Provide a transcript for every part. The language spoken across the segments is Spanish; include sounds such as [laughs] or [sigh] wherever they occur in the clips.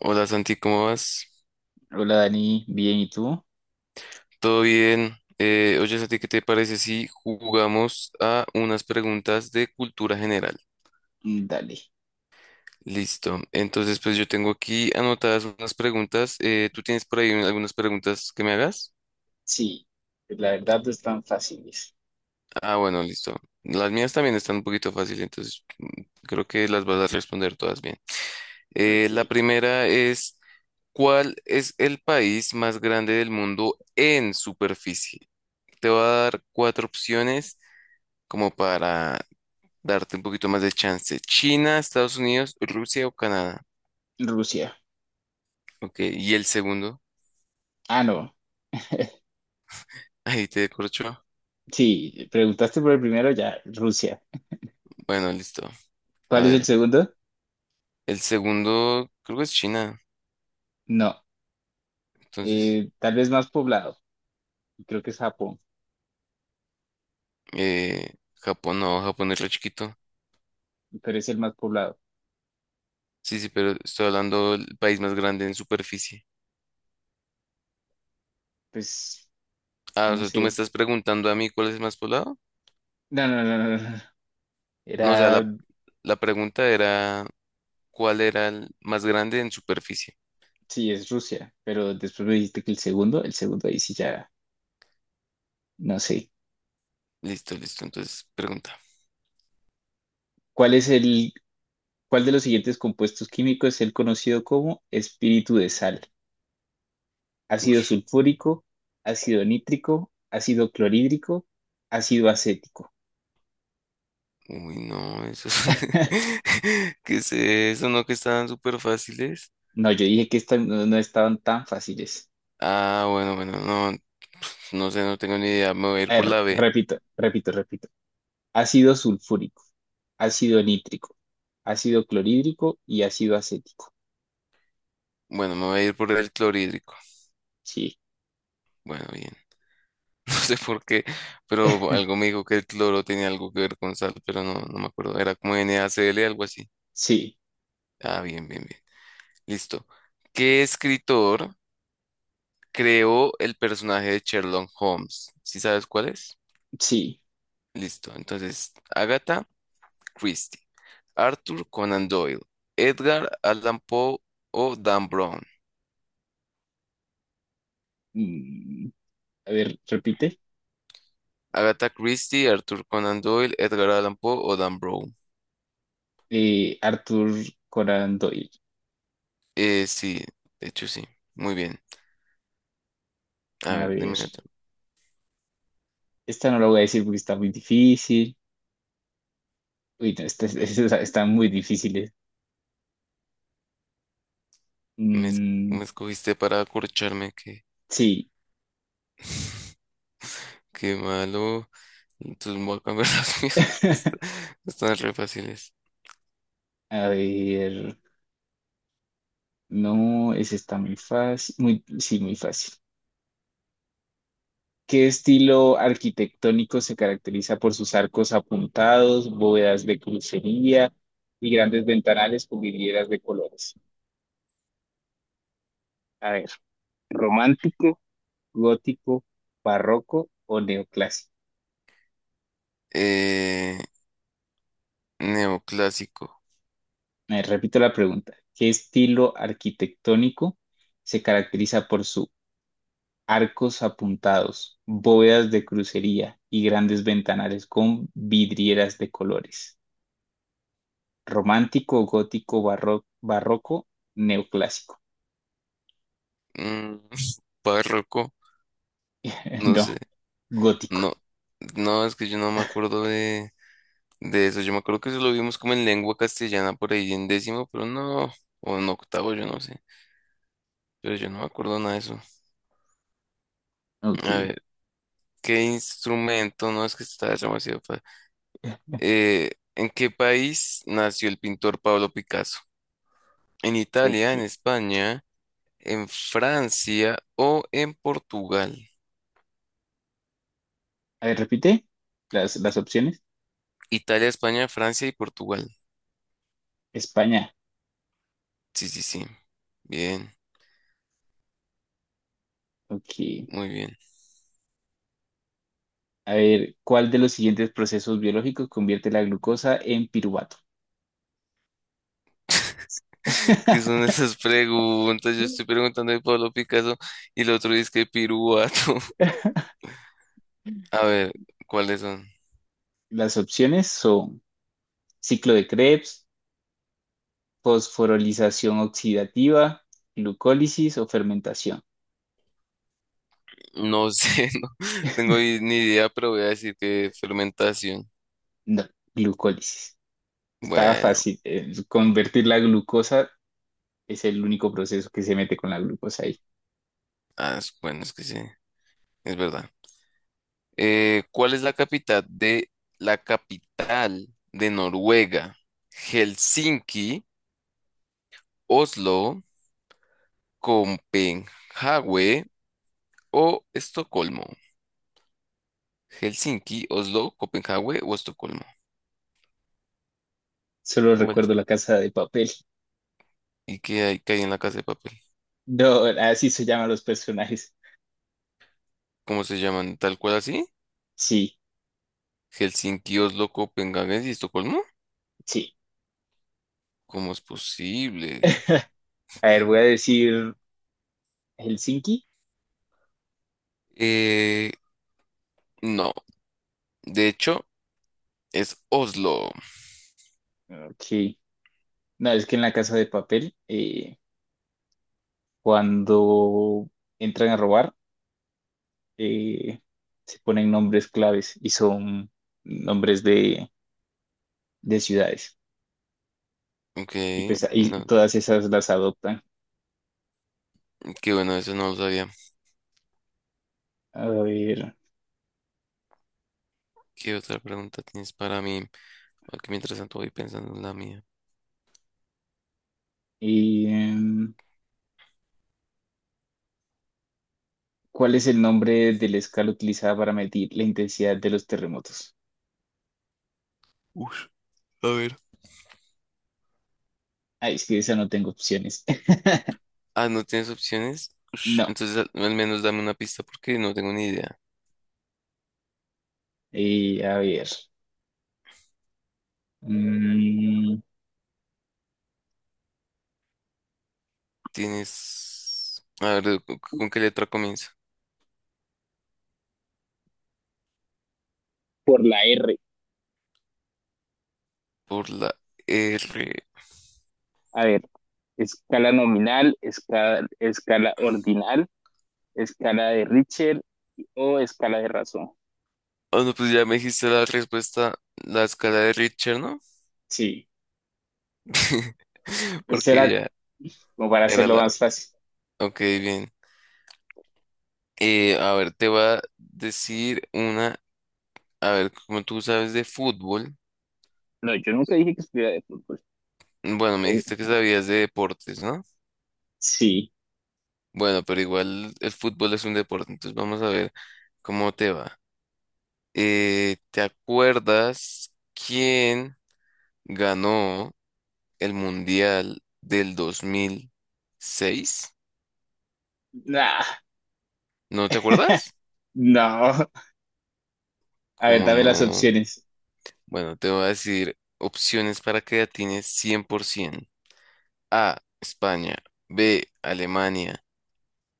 Hola Santi, ¿cómo vas? Hola Dani, bien, ¿y tú? ¿Todo bien? Oye Santi, ¿qué te parece si jugamos a unas preguntas de cultura general? Dale. Listo. Entonces, pues yo tengo aquí anotadas unas preguntas. ¿Tú tienes por ahí algunas preguntas que me hagas? Sí, la verdad no es tan fácil. Ah, bueno, listo. Las mías también están un poquito fáciles, entonces creo que las vas a responder todas bien. Ok. La primera es, ¿cuál es el país más grande del mundo en superficie? Te voy a dar cuatro opciones como para darte un poquito más de chance. China, Estados Unidos, Rusia o Canadá. Rusia. Ok, y el segundo, Ah, no. [laughs] [laughs] ahí te corcho. Sí, preguntaste por el primero, ya, Rusia. Bueno, listo. A ¿Cuál es el ver, segundo? el segundo creo que es China. No. Entonces, Tal vez más poblado. Creo que es Japón, eh, Japón no, Japón es re chiquito. pero es el más poblado. Sí, sí, pero estoy hablando del país más grande en superficie. Pues, Ah, o no sea, tú me sé. estás preguntando a mí cuál es el más poblado. No, no, no, no, no, no. No, o sea, Era, la pregunta era cuál era el más grande en superficie. sí, es Rusia, pero después me dijiste que el segundo ahí sí ya, no sé. Listo, listo. Entonces, pregunta. ¿Cuál es el ¿Cuál de los siguientes compuestos químicos es el conocido como espíritu de sal? Ácido Uf. sulfúrico, ácido nítrico, ácido clorhídrico, ácido acético. Uy, no, eso es... [laughs] [laughs] ¿Qué es eso? ¿No que estaban súper fáciles? No, yo dije que estas no estaban tan fáciles. Ah, bueno, bueno, no, no sé, no tengo ni idea. Me voy a ir A por ver, la B. repito, repito, repito. Ácido sulfúrico, ácido nítrico, ácido clorhídrico y ácido acético. Bueno, me voy a ir por el clorhídrico. Sí, Bueno, bien. [laughs] No sé por qué, pero algo [laughs] me dijo que el cloro tenía algo que ver con sal, pero no, no me acuerdo. Era como NaCl, algo así. sí, Ah, bien, bien, bien. Listo. ¿Qué escritor creó el personaje de Sherlock Holmes? ¿Sí sabes cuál es? sí. Listo. Entonces, Agatha Christie. Arthur Conan Doyle, Edgar Allan Poe o Dan Brown. Mm, a ver, repite. Agatha Christie, Arthur Conan Doyle, Edgar Allan Poe o Dan Brown. Arthur Conan Doyle. Sí, de hecho sí. Muy bien. A A ver, ver. dime otra. Esta no la voy a decir porque está muy difícil. Uy, no, está muy difíciles. Me, es- Mm, me escogiste para acorcharme, qué, sí. qué malo. Entonces voy a cambiar [laughs] las mías porque [laughs] están re fáciles. A ver. No, esa está muy fácil. Sí, muy fácil. ¿Qué estilo arquitectónico se caracteriza por sus arcos apuntados, bóvedas de crucería y grandes ventanales con vidrieras de colores? A ver, ¿romántico, gótico, barroco o neoclásico? Eh, neoclásico. Repito la pregunta. ¿Qué estilo arquitectónico se caracteriza por sus arcos apuntados, bóvedas de crucería y grandes ventanales con vidrieras de colores? ¿Romántico, gótico, barroco, neoclásico? Mm, [laughs] párroco. [laughs] No sé. No, gótico. No, no, es que yo no me acuerdo de eso. Yo me acuerdo que eso lo vimos como en lengua castellana por ahí en décimo, pero no, o en octavo, yo no sé. Pero yo no me acuerdo nada de eso. Ok, A ver, ¿qué instrumento? No, es que está demasiado fácil. [laughs] ¿En qué país nació el pintor Pablo Picasso? ¿En Italia, en ok. España, en Francia o en Portugal? A ver, repite las opciones. Italia, España, Francia y Portugal. España. Sí, sí, sí. Bien, Ok. muy bien. A ver, ¿cuál de los siguientes procesos biológicos convierte la glucosa en piruvato? ¿Qué son esas preguntas? Yo estoy [laughs] preguntando de Pablo Picasso y el otro dice que piruato. [laughs] A ver, ¿cuáles son? Las opciones son ciclo de Krebs, fosforilización oxidativa, glucólisis o fermentación. No sé, [laughs] no tengo ni idea, pero voy a decir que fermentación. No, glucólisis. Estaba Bueno, fácil. Convertir la glucosa es el único proceso que se mete con la glucosa ahí. Es que sí, es verdad. ¿Cuál es la capital de Noruega? Helsinki, Oslo, Copenhague o Estocolmo. Helsinki, Oslo, Copenhague o Estocolmo. Solo ¿Cuál? recuerdo la casa de papel. ¿Y qué hay en la casa de papel? No, así se llaman los personajes. ¿Cómo se llaman? ¿Tal cual así? Sí, ¿Helsinki, Oslo, Copenhague y Estocolmo? sí. ¿Cómo es posible? A ver, voy a decir Helsinki. Eh, no, de hecho es Oslo. Ok. No, es que en la casa de papel, cuando entran a robar, eh, se ponen nombres claves y son nombres de ciudades. Ok, Y pues ahí y no, todas esas las adoptan. qué bueno, eso no lo sabía. A ver, ¿Qué otra pregunta tienes para mí? Aquí mientras tanto voy pensando en la mía. y, em, ¿cuál es el nombre de la escala utilizada para medir la intensidad de los terremotos? Ush, a ver. Ay, es que esa no tengo opciones. [laughs] Ah, ¿no tienes opciones? Ush, No. entonces al menos dame una pista porque no tengo ni idea. A ver. Mm, Tienes... A ver, con qué letra comienza? por la R. Por la R. A ver, escala nominal, escala ordinal, escala de Richter o escala de razón. Ah, no, pues ya me dijiste la respuesta, la escala de Richter, ¿no? Sí, [laughs] pues Porque será ya como para era hacerlo la... más fácil. Ok, bien. A ver, te voy a decir una... A ver, como tú sabes de fútbol, No, yo nunca dije que estuviera de fútbol. bueno, me Oh, dijiste que sabías de deportes, ¿no? sí. Bueno, pero igual el fútbol es un deporte, entonces vamos a ver cómo te va. ¿Te acuerdas quién ganó el Mundial del 2006? Nah. ¿No te [laughs] acuerdas? No. A ver, Como dame las no. opciones. Bueno, te voy a decir opciones para creatines 100%. A, España. B, Alemania.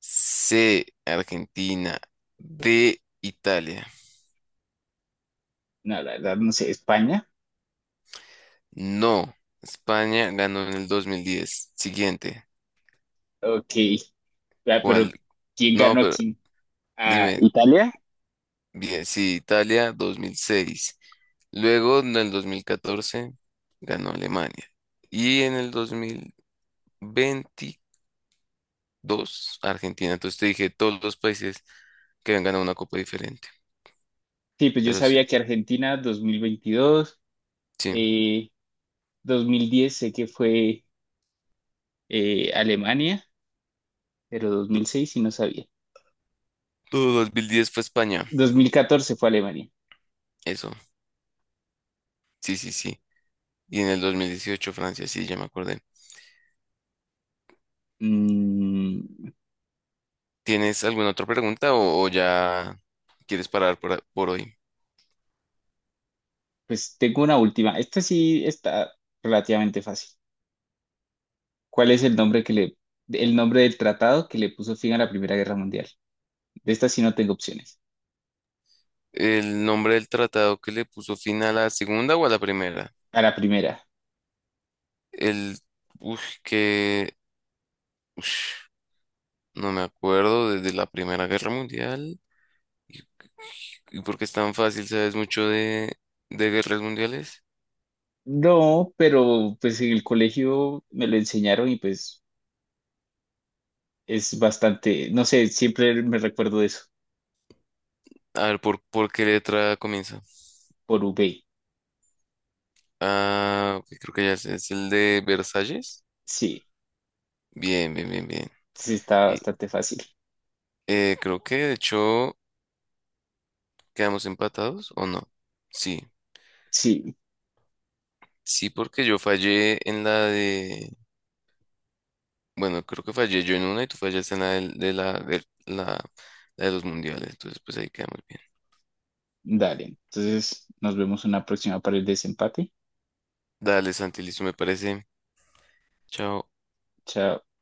C, Argentina. D, Italia. No, la verdad, no sé. España. No, España ganó en el 2010. Siguiente. Ok. Ah, pero ¿Cuál? ¿quién No, ganó a pero quién? ¿A dime. Italia? Bien, sí, Italia 2006. Luego, en el 2014 ganó Alemania. Y en el 2024 Dos, Argentina. Entonces te dije todos los países que habían ganado una copa diferente. Sí, pues yo Pero sí, sabía que Argentina 2022, sí. eh, 2010 sé que fue Alemania, pero Du- 2006 sí no sabía. 2010 fue España. 2014 fue Alemania. Eso, sí, sí, sí. Y en el 2018 Francia, sí, ya me acordé. Mm, ¿Tienes alguna otra pregunta o ya quieres parar por hoy? pues tengo una última. Esta sí está relativamente fácil. ¿Cuál es el nombre que le, ¿el nombre del tratado que le puso fin a la Primera Guerra Mundial? De esta sí no tengo opciones. ¿El nombre del tratado que le puso fin a la segunda o a la primera? A la primera. El, uf, que, ush, no me acuerdo, desde la Primera Guerra Mundial. ¿Y, y por qué es tan fácil? ¿Sabes mucho de, guerras mundiales? No, pero pues en el colegio me lo enseñaron y pues es bastante, no sé, siempre me recuerdo de eso, A ver, por qué letra comienza? por UB. Ah, ok, creo que ya sé, es el de Versalles. Sí, Bien, bien, bien, bien. sí está Y bastante fácil. Creo que de hecho quedamos empatados o no. Sí, Sí, sí, porque yo fallé en la de. Bueno, creo que fallé yo en una y tú fallaste en la la de los mundiales. Entonces, pues ahí quedamos bien. dale. Entonces nos vemos en una próxima para el desempate. Dale, Santi, listo, me parece. Chao. Chao.